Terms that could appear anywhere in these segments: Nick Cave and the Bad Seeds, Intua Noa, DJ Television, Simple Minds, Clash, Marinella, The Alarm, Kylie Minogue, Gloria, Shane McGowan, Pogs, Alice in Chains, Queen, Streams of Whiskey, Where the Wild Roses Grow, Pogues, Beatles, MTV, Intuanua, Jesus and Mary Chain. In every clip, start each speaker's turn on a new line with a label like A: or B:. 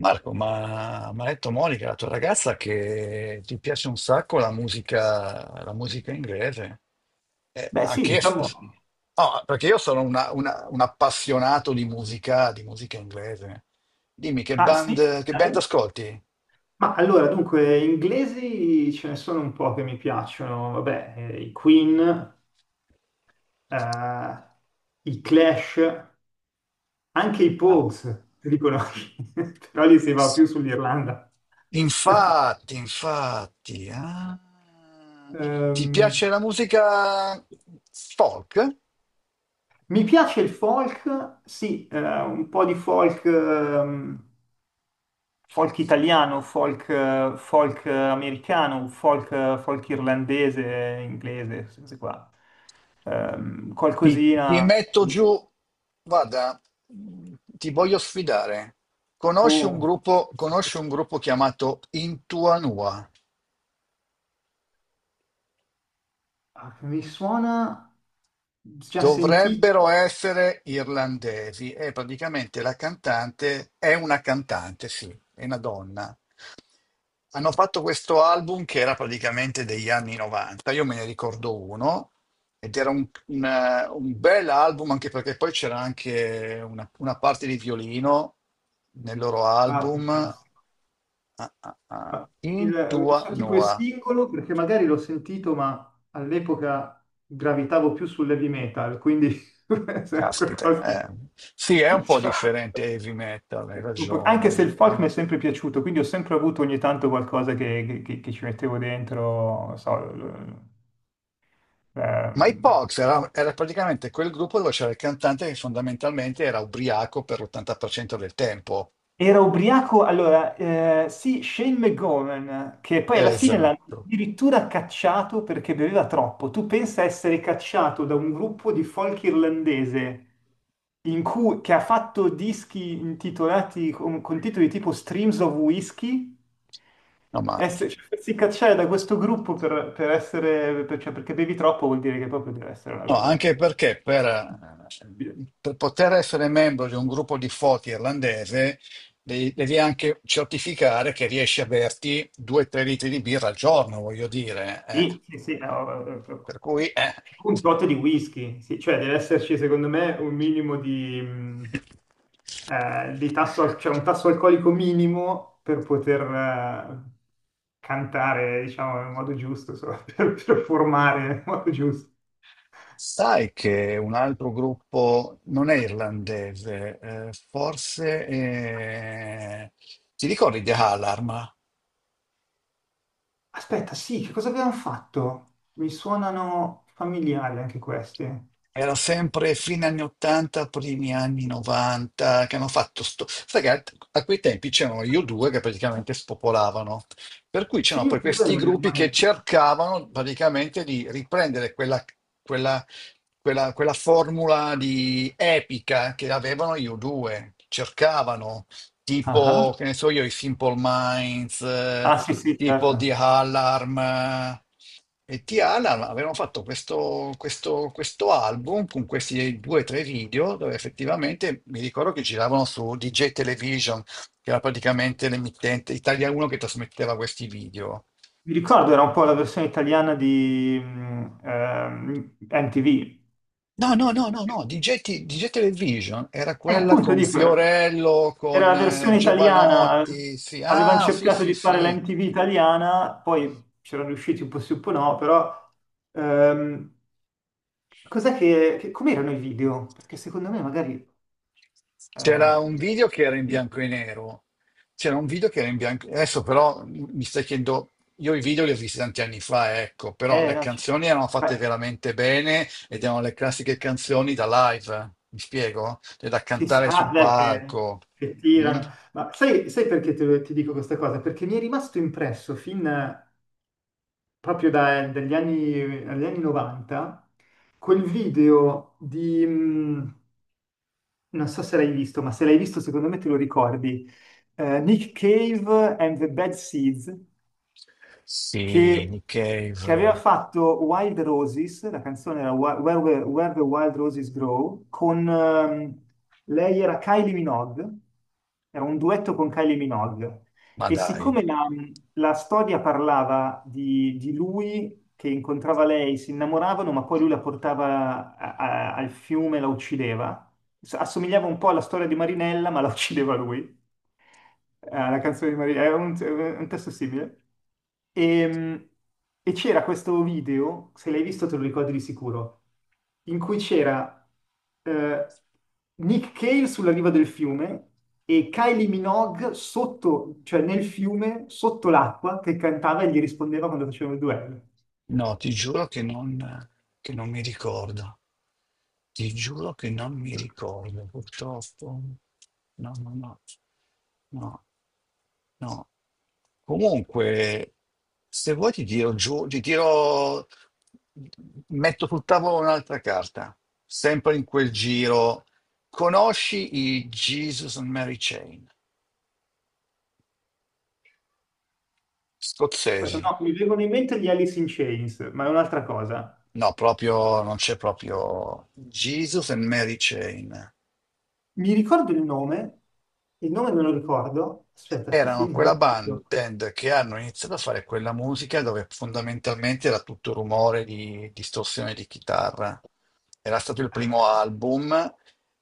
A: Marco, ma mi ha detto Monica, la tua ragazza, che ti piace un sacco la musica inglese. Eh,
B: Beh, sì,
A: anche io-
B: diciamo,
A: no, perché io sono un appassionato di musica inglese. Dimmi, che
B: ah, sì,
A: band, che band
B: dai.
A: ascolti?
B: Ma allora, dunque, inglesi ce ne sono un po' che mi piacciono, vabbè, i Queen, eh, i Clash, anche i
A: Ah,
B: Pogues, li conosci, però lì si va
A: s-
B: più sull'Irlanda.
A: Infatti, infatti. Ah. Ti
B: Ehm,
A: piace la musica folk?
B: mi piace il folk, sì, un po' di folk, folk italiano, folk, folk americano, folk, folk irlandese, inglese, queste cose qua. Ehm,
A: Ti
B: qualcosina.
A: metto giù, guarda, ti voglio sfidare. Conosci un
B: Oh,
A: gruppo,
B: non so
A: conosci un gruppo chiamato Intuanua?
B: ah, mi suona già
A: Dovrebbero
B: sentito.
A: essere irlandesi e praticamente la cantante è una cantante, sì, è una donna. Hanno fatto questo album che era praticamente degli anni 90, io me ne ricordo uno, ed era un bel album anche perché poi c'era anche una parte di violino nel loro
B: Ah,
A: album.
B: fantastico.
A: Ah.
B: Ma
A: Intua
B: so tipo il
A: Noa.
B: singolo, perché magari l'ho sentito, ma all'epoca gravitavo più sull'heavy metal, quindi se è
A: Caspita,
B: qualcosa di.
A: eh. Sì, è un po'
B: Cioè,
A: differente heavy metal, hai
B: Anche se il
A: ragione.
B: folk
A: Mm.
B: mi è sempre piaciuto, quindi ho sempre avuto ogni tanto qualcosa che ci mettevo dentro, non so, l-
A: Ma i
B: ehm,
A: Pogs era praticamente quel gruppo dove c'era il cantante che fondamentalmente era ubriaco per l'80% del tempo.
B: Era ubriaco, allora, sì, Shane McGowan, che poi alla fine l'hanno
A: Esatto.
B: addirittura cacciato perché beveva troppo. Tu pensa essere cacciato da un gruppo di folk irlandese che ha fatto dischi intitolati con titoli tipo Streams of Whiskey,
A: No, ma
B: essere, cioè, farsi cacciare da questo gruppo cioè, perché bevi troppo vuol dire che proprio deve essere una
A: no, anche perché per, eh,
B: cosa.
A: per poter essere membro di un gruppo di foti irlandese devi anche certificare che riesci a berti 2-3 litri di birra al giorno, voglio dire.
B: Sì, sì, sì, no,
A: Per cui.
B: un tot di whisky, sì, cioè deve esserci secondo me un minimo di tasso, cioè un tasso alcolico minimo per poter cantare, diciamo, nel modo giusto, insomma, per performare nel modo giusto.
A: Sai che un altro gruppo non è irlandese, forse, ti ricordi The Alarm?
B: Aspetta, sì, che cosa abbiamo fatto? Mi suonano familiari anche questi.
A: Era sempre fine anni 80, primi anni 90, che hanno fatto sto. Sai che a quei tempi c'erano io due che praticamente spopolavano, per cui
B: Sì,
A: c'erano
B: io
A: poi questi
B: credo
A: gruppi che cercavano praticamente di riprendere quella, quella formula di epica che avevano io due, cercavano
B: ah,
A: tipo, che
B: ah.
A: ne so io, i Simple Minds,
B: Ah, sì, sì,
A: tipo di
B: certo.
A: Alarm, e T Alarm avevano fatto questo album con questi due o tre video dove effettivamente mi ricordo che giravano su DJ Television, che era praticamente l'emittente Italia 1 che trasmetteva questi video.
B: Mi ricordo, era un po' la versione italiana di MTV.
A: No, no, no, no, no, DJ Television era
B: E
A: quella
B: appunto
A: con
B: dico, era
A: Fiorello,
B: era
A: con
B: la
A: eh,
B: versione italiana,
A: Giovanotti, sì,
B: avevano
A: ah, sì,
B: cercato
A: sì,
B: di fare la
A: sì.
B: MTV italiana, poi c'erano riusciti un po' sì, un po' no, però ehm, cos'è com'erano i video? Perché secondo me magari.
A: C'era
B: Eh,
A: un video che era in
B: sì.
A: bianco e nero. C'era un video che era in bianco. Adesso però mi stai chiedendo, io i video li ho visti tanti anni fa, ecco, però le
B: No, cioè.
A: canzoni erano fatte veramente bene ed erano le classiche canzoni da live, mi spiego? Cioè, da
B: Sì, sì.
A: cantare
B: Ah,
A: sul
B: beh, che,
A: palco.
B: che
A: Mm?
B: tirano. Ma sai perché ti dico questa cosa? Perché mi è rimasto impresso fin proprio dagli anni 90 quel video non so se l'hai visto, ma se l'hai visto secondo me te lo ricordi. Nick Cave and the Bad Seeds,
A: Sì,
B: che,
A: Nick
B: che aveva
A: Cave,
B: fatto Wild Roses, la canzone era Where the Wild Roses Grow, con lei era Kylie Minogue, era un duetto con Kylie Minogue.
A: ma
B: E
A: dai.
B: siccome la storia parlava di lui che incontrava lei si innamoravano, ma poi lui la portava al fiume e la uccideva. Assomigliava un po' alla storia di Marinella, ma la uccideva lui. Alla canzone di Marinella, era un testo simile. Ehm, E c'era questo video, se l'hai visto te lo ricordi di sicuro, in cui c'era eh, Nick Cave sulla riva del fiume e Kylie Minogue sotto, cioè nel fiume, sotto l'acqua, che cantava e gli rispondeva quando facevano il duello.
A: No, ti giuro che non mi ricordo. Ti giuro che non mi ricordo, purtroppo. No, no, no, no, no. Comunque, se vuoi ti tiro giù, metto sul tavolo un'altra carta, sempre in quel giro. Conosci i Jesus and Mary Chain?
B: Aspetta,
A: Scozzesi.
B: no, mi vengono in mente gli Alice in Chains, ma è un'altra cosa.
A: No, proprio, non c'è proprio Jesus and Mary Chain.
B: Mi ricordo il nome me lo ricordo. Aspetta, sì, sì,
A: Erano
B: me lo
A: quella
B: ricordo.
A: band che hanno iniziato a fare quella musica dove fondamentalmente era tutto rumore di distorsione di chitarra. Era stato il primo album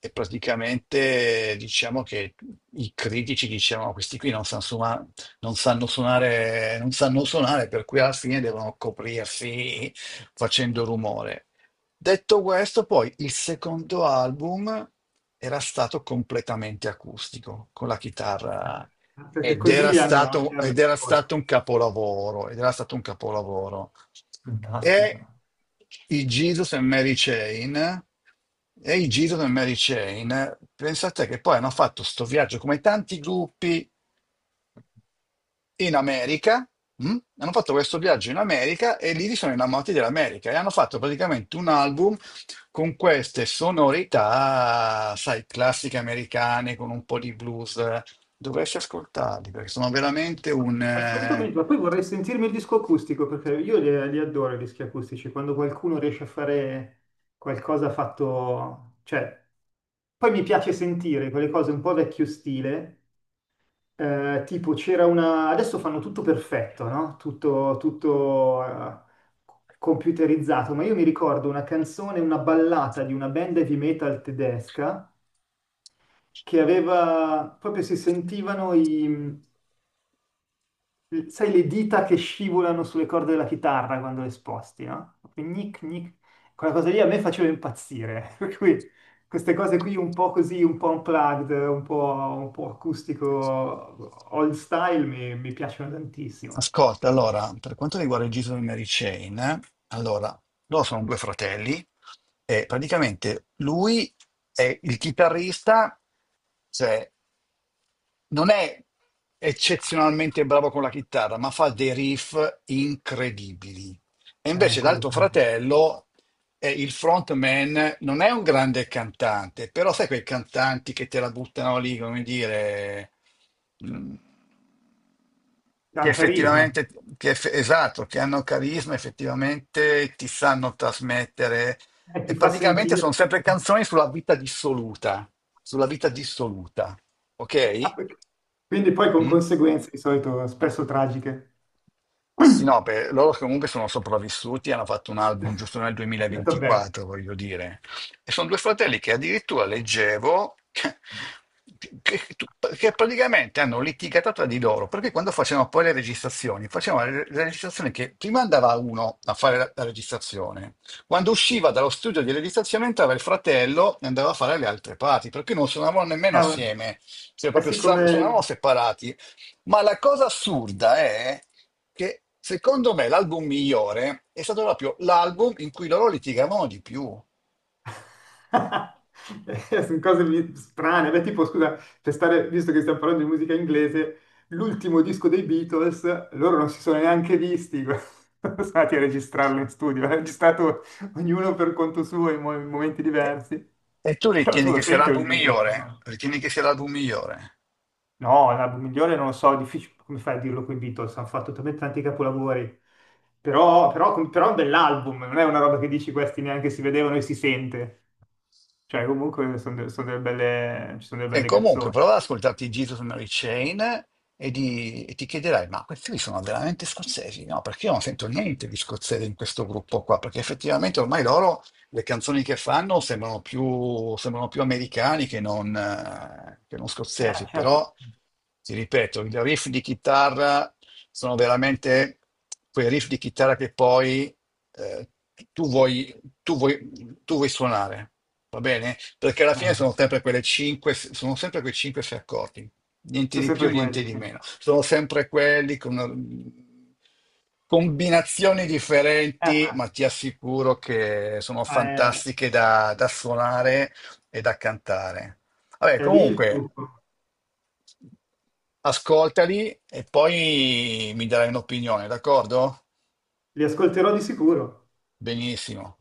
A: e praticamente diciamo che i critici dicevano questi qui non sanno suonare, non sanno suonare, non sanno suonare, per cui alla fine devono coprirsi facendo rumore. Detto questo, poi il secondo album era stato completamente acustico, con la chitarra
B: Perché
A: ed
B: così
A: era
B: gli hanno, gli
A: stato,
B: hanno
A: ed era
B: risposto.
A: stato un capolavoro, ed era stato un capolavoro.
B: Fantastica.
A: E i Jesus e Mary Chain, e i Jesus e Mary Chain, pensate che poi hanno fatto sto viaggio come tanti gruppi in America. Mh? Hanno fatto questo viaggio in America e lì si sono innamorati dell'America e hanno fatto praticamente un album con queste sonorità, sai, classiche americane con un po' di blues. Dovresti ascoltarli perché sono veramente un.
B: Assolutamente, ma poi vorrei sentirmi il disco acustico perché io li adoro i dischi acustici, quando qualcuno riesce a fare qualcosa fatto, cioè, poi mi piace sentire quelle cose un po' vecchio stile. Tipo c'era una. Adesso fanno tutto perfetto, no? Tutto computerizzato, ma io mi ricordo una canzone, una ballata di una band heavy metal tedesca che aveva. Proprio si sentivano sai, le dita che scivolano sulle corde della chitarra quando le sposti, no? Proprio Gnic, gnic. Quella cosa lì a me faceva impazzire, per cui queste cose qui un po' così, un po' unplugged, un po' acustico, old style, mi piacciono tantissimo.
A: Ascolta, allora, per quanto riguarda il giro di Mary Chain, allora, loro sono due fratelli e praticamente lui è il chitarrista, cioè non è eccezionalmente bravo con la chitarra, ma fa dei riff incredibili. E
B: Eh,
A: invece
B: quello che
A: l'altro fratello, il frontman, non è un grande cantante, però sai quei cantanti che te la buttano lì, come dire, mm,
B: ha
A: che
B: un carisma,
A: effettivamente, esatto, che hanno carisma, effettivamente ti sanno trasmettere. E
B: ti fa
A: praticamente
B: sentire.
A: sono sempre canzoni sulla vita dissoluta, ok?
B: Quindi poi con
A: Mm?
B: conseguenze di solito spesso tragiche.
A: Sì, no, per loro che comunque sono sopravvissuti, hanno fatto un album giusto nel
B: Vabbè,
A: 2024, voglio dire. E sono due fratelli che addirittura leggevo che- che praticamente hanno litigato tra di loro, perché quando facevano poi le registrazioni, facevano le registrazioni che prima andava uno a fare la registrazione, quando usciva dallo studio di registrazione entrava il fratello e andava a fare le altre parti, perché non suonavano nemmeno
B: cavolo.
A: assieme, cioè
B: Eh
A: proprio
B: sì,
A: suonavano
B: come,
A: separati. Ma la cosa assurda è che secondo me l'album migliore è stato proprio l'album in cui loro litigavano di più.
B: Sono cose strane. Beh, tipo, scusa, per stare, visto che stiamo parlando di musica inglese, l'ultimo disco dei Beatles, loro non si sono neanche visti, sono stati a registrarlo in studio, l'ha registrato ognuno per conto suo in momenti
A: E,
B: diversi.
A: e tu
B: Però tu
A: ritieni
B: lo
A: che sia
B: senti un
A: l'album
B: l'album disco, migliore,
A: migliore?
B: no?
A: Ritieni che sia l'album migliore?
B: No, l'album migliore non lo so, è difficile, come fai a dirlo con i Beatles, hanno fatto talmente tanti capolavori. Però è un bell'album, non è una roba che dici questi neanche si vedevano e si sente. Cioè, comunque sono, sono delle belle, ci sono delle
A: E
B: belle
A: comunque
B: canzoni.
A: prova ad ascoltarti Jesus Mary Chain e ti chiederai, ma questi qui sono veramente scozzesi? No, perché io non sento niente di scozzese in questo gruppo qua, perché effettivamente ormai loro le canzoni che fanno sembrano più americani che non
B: Ah,
A: scozzesi,
B: certo.
A: però ti ripeto, i riff di chitarra sono veramente quei riff di chitarra che poi eh, tu vuoi, tu vuoi suonare. Va bene? Perché alla fine
B: No,
A: sono sempre quelle 5, sono sempre quei 5-6 accordi, niente
B: sono
A: di più,
B: sempre
A: niente
B: quelli,
A: di
B: sì.
A: meno. Sono sempre quelli con combinazioni differenti,
B: Ma
A: ma ti assicuro che sono
B: ma è,
A: fantastiche da suonare e da cantare. Vabbè,
B: è lì il
A: comunque,
B: trucco.
A: ascoltali e poi mi darai un'opinione, d'accordo?
B: Li ascolterò di sicuro.
A: Benissimo.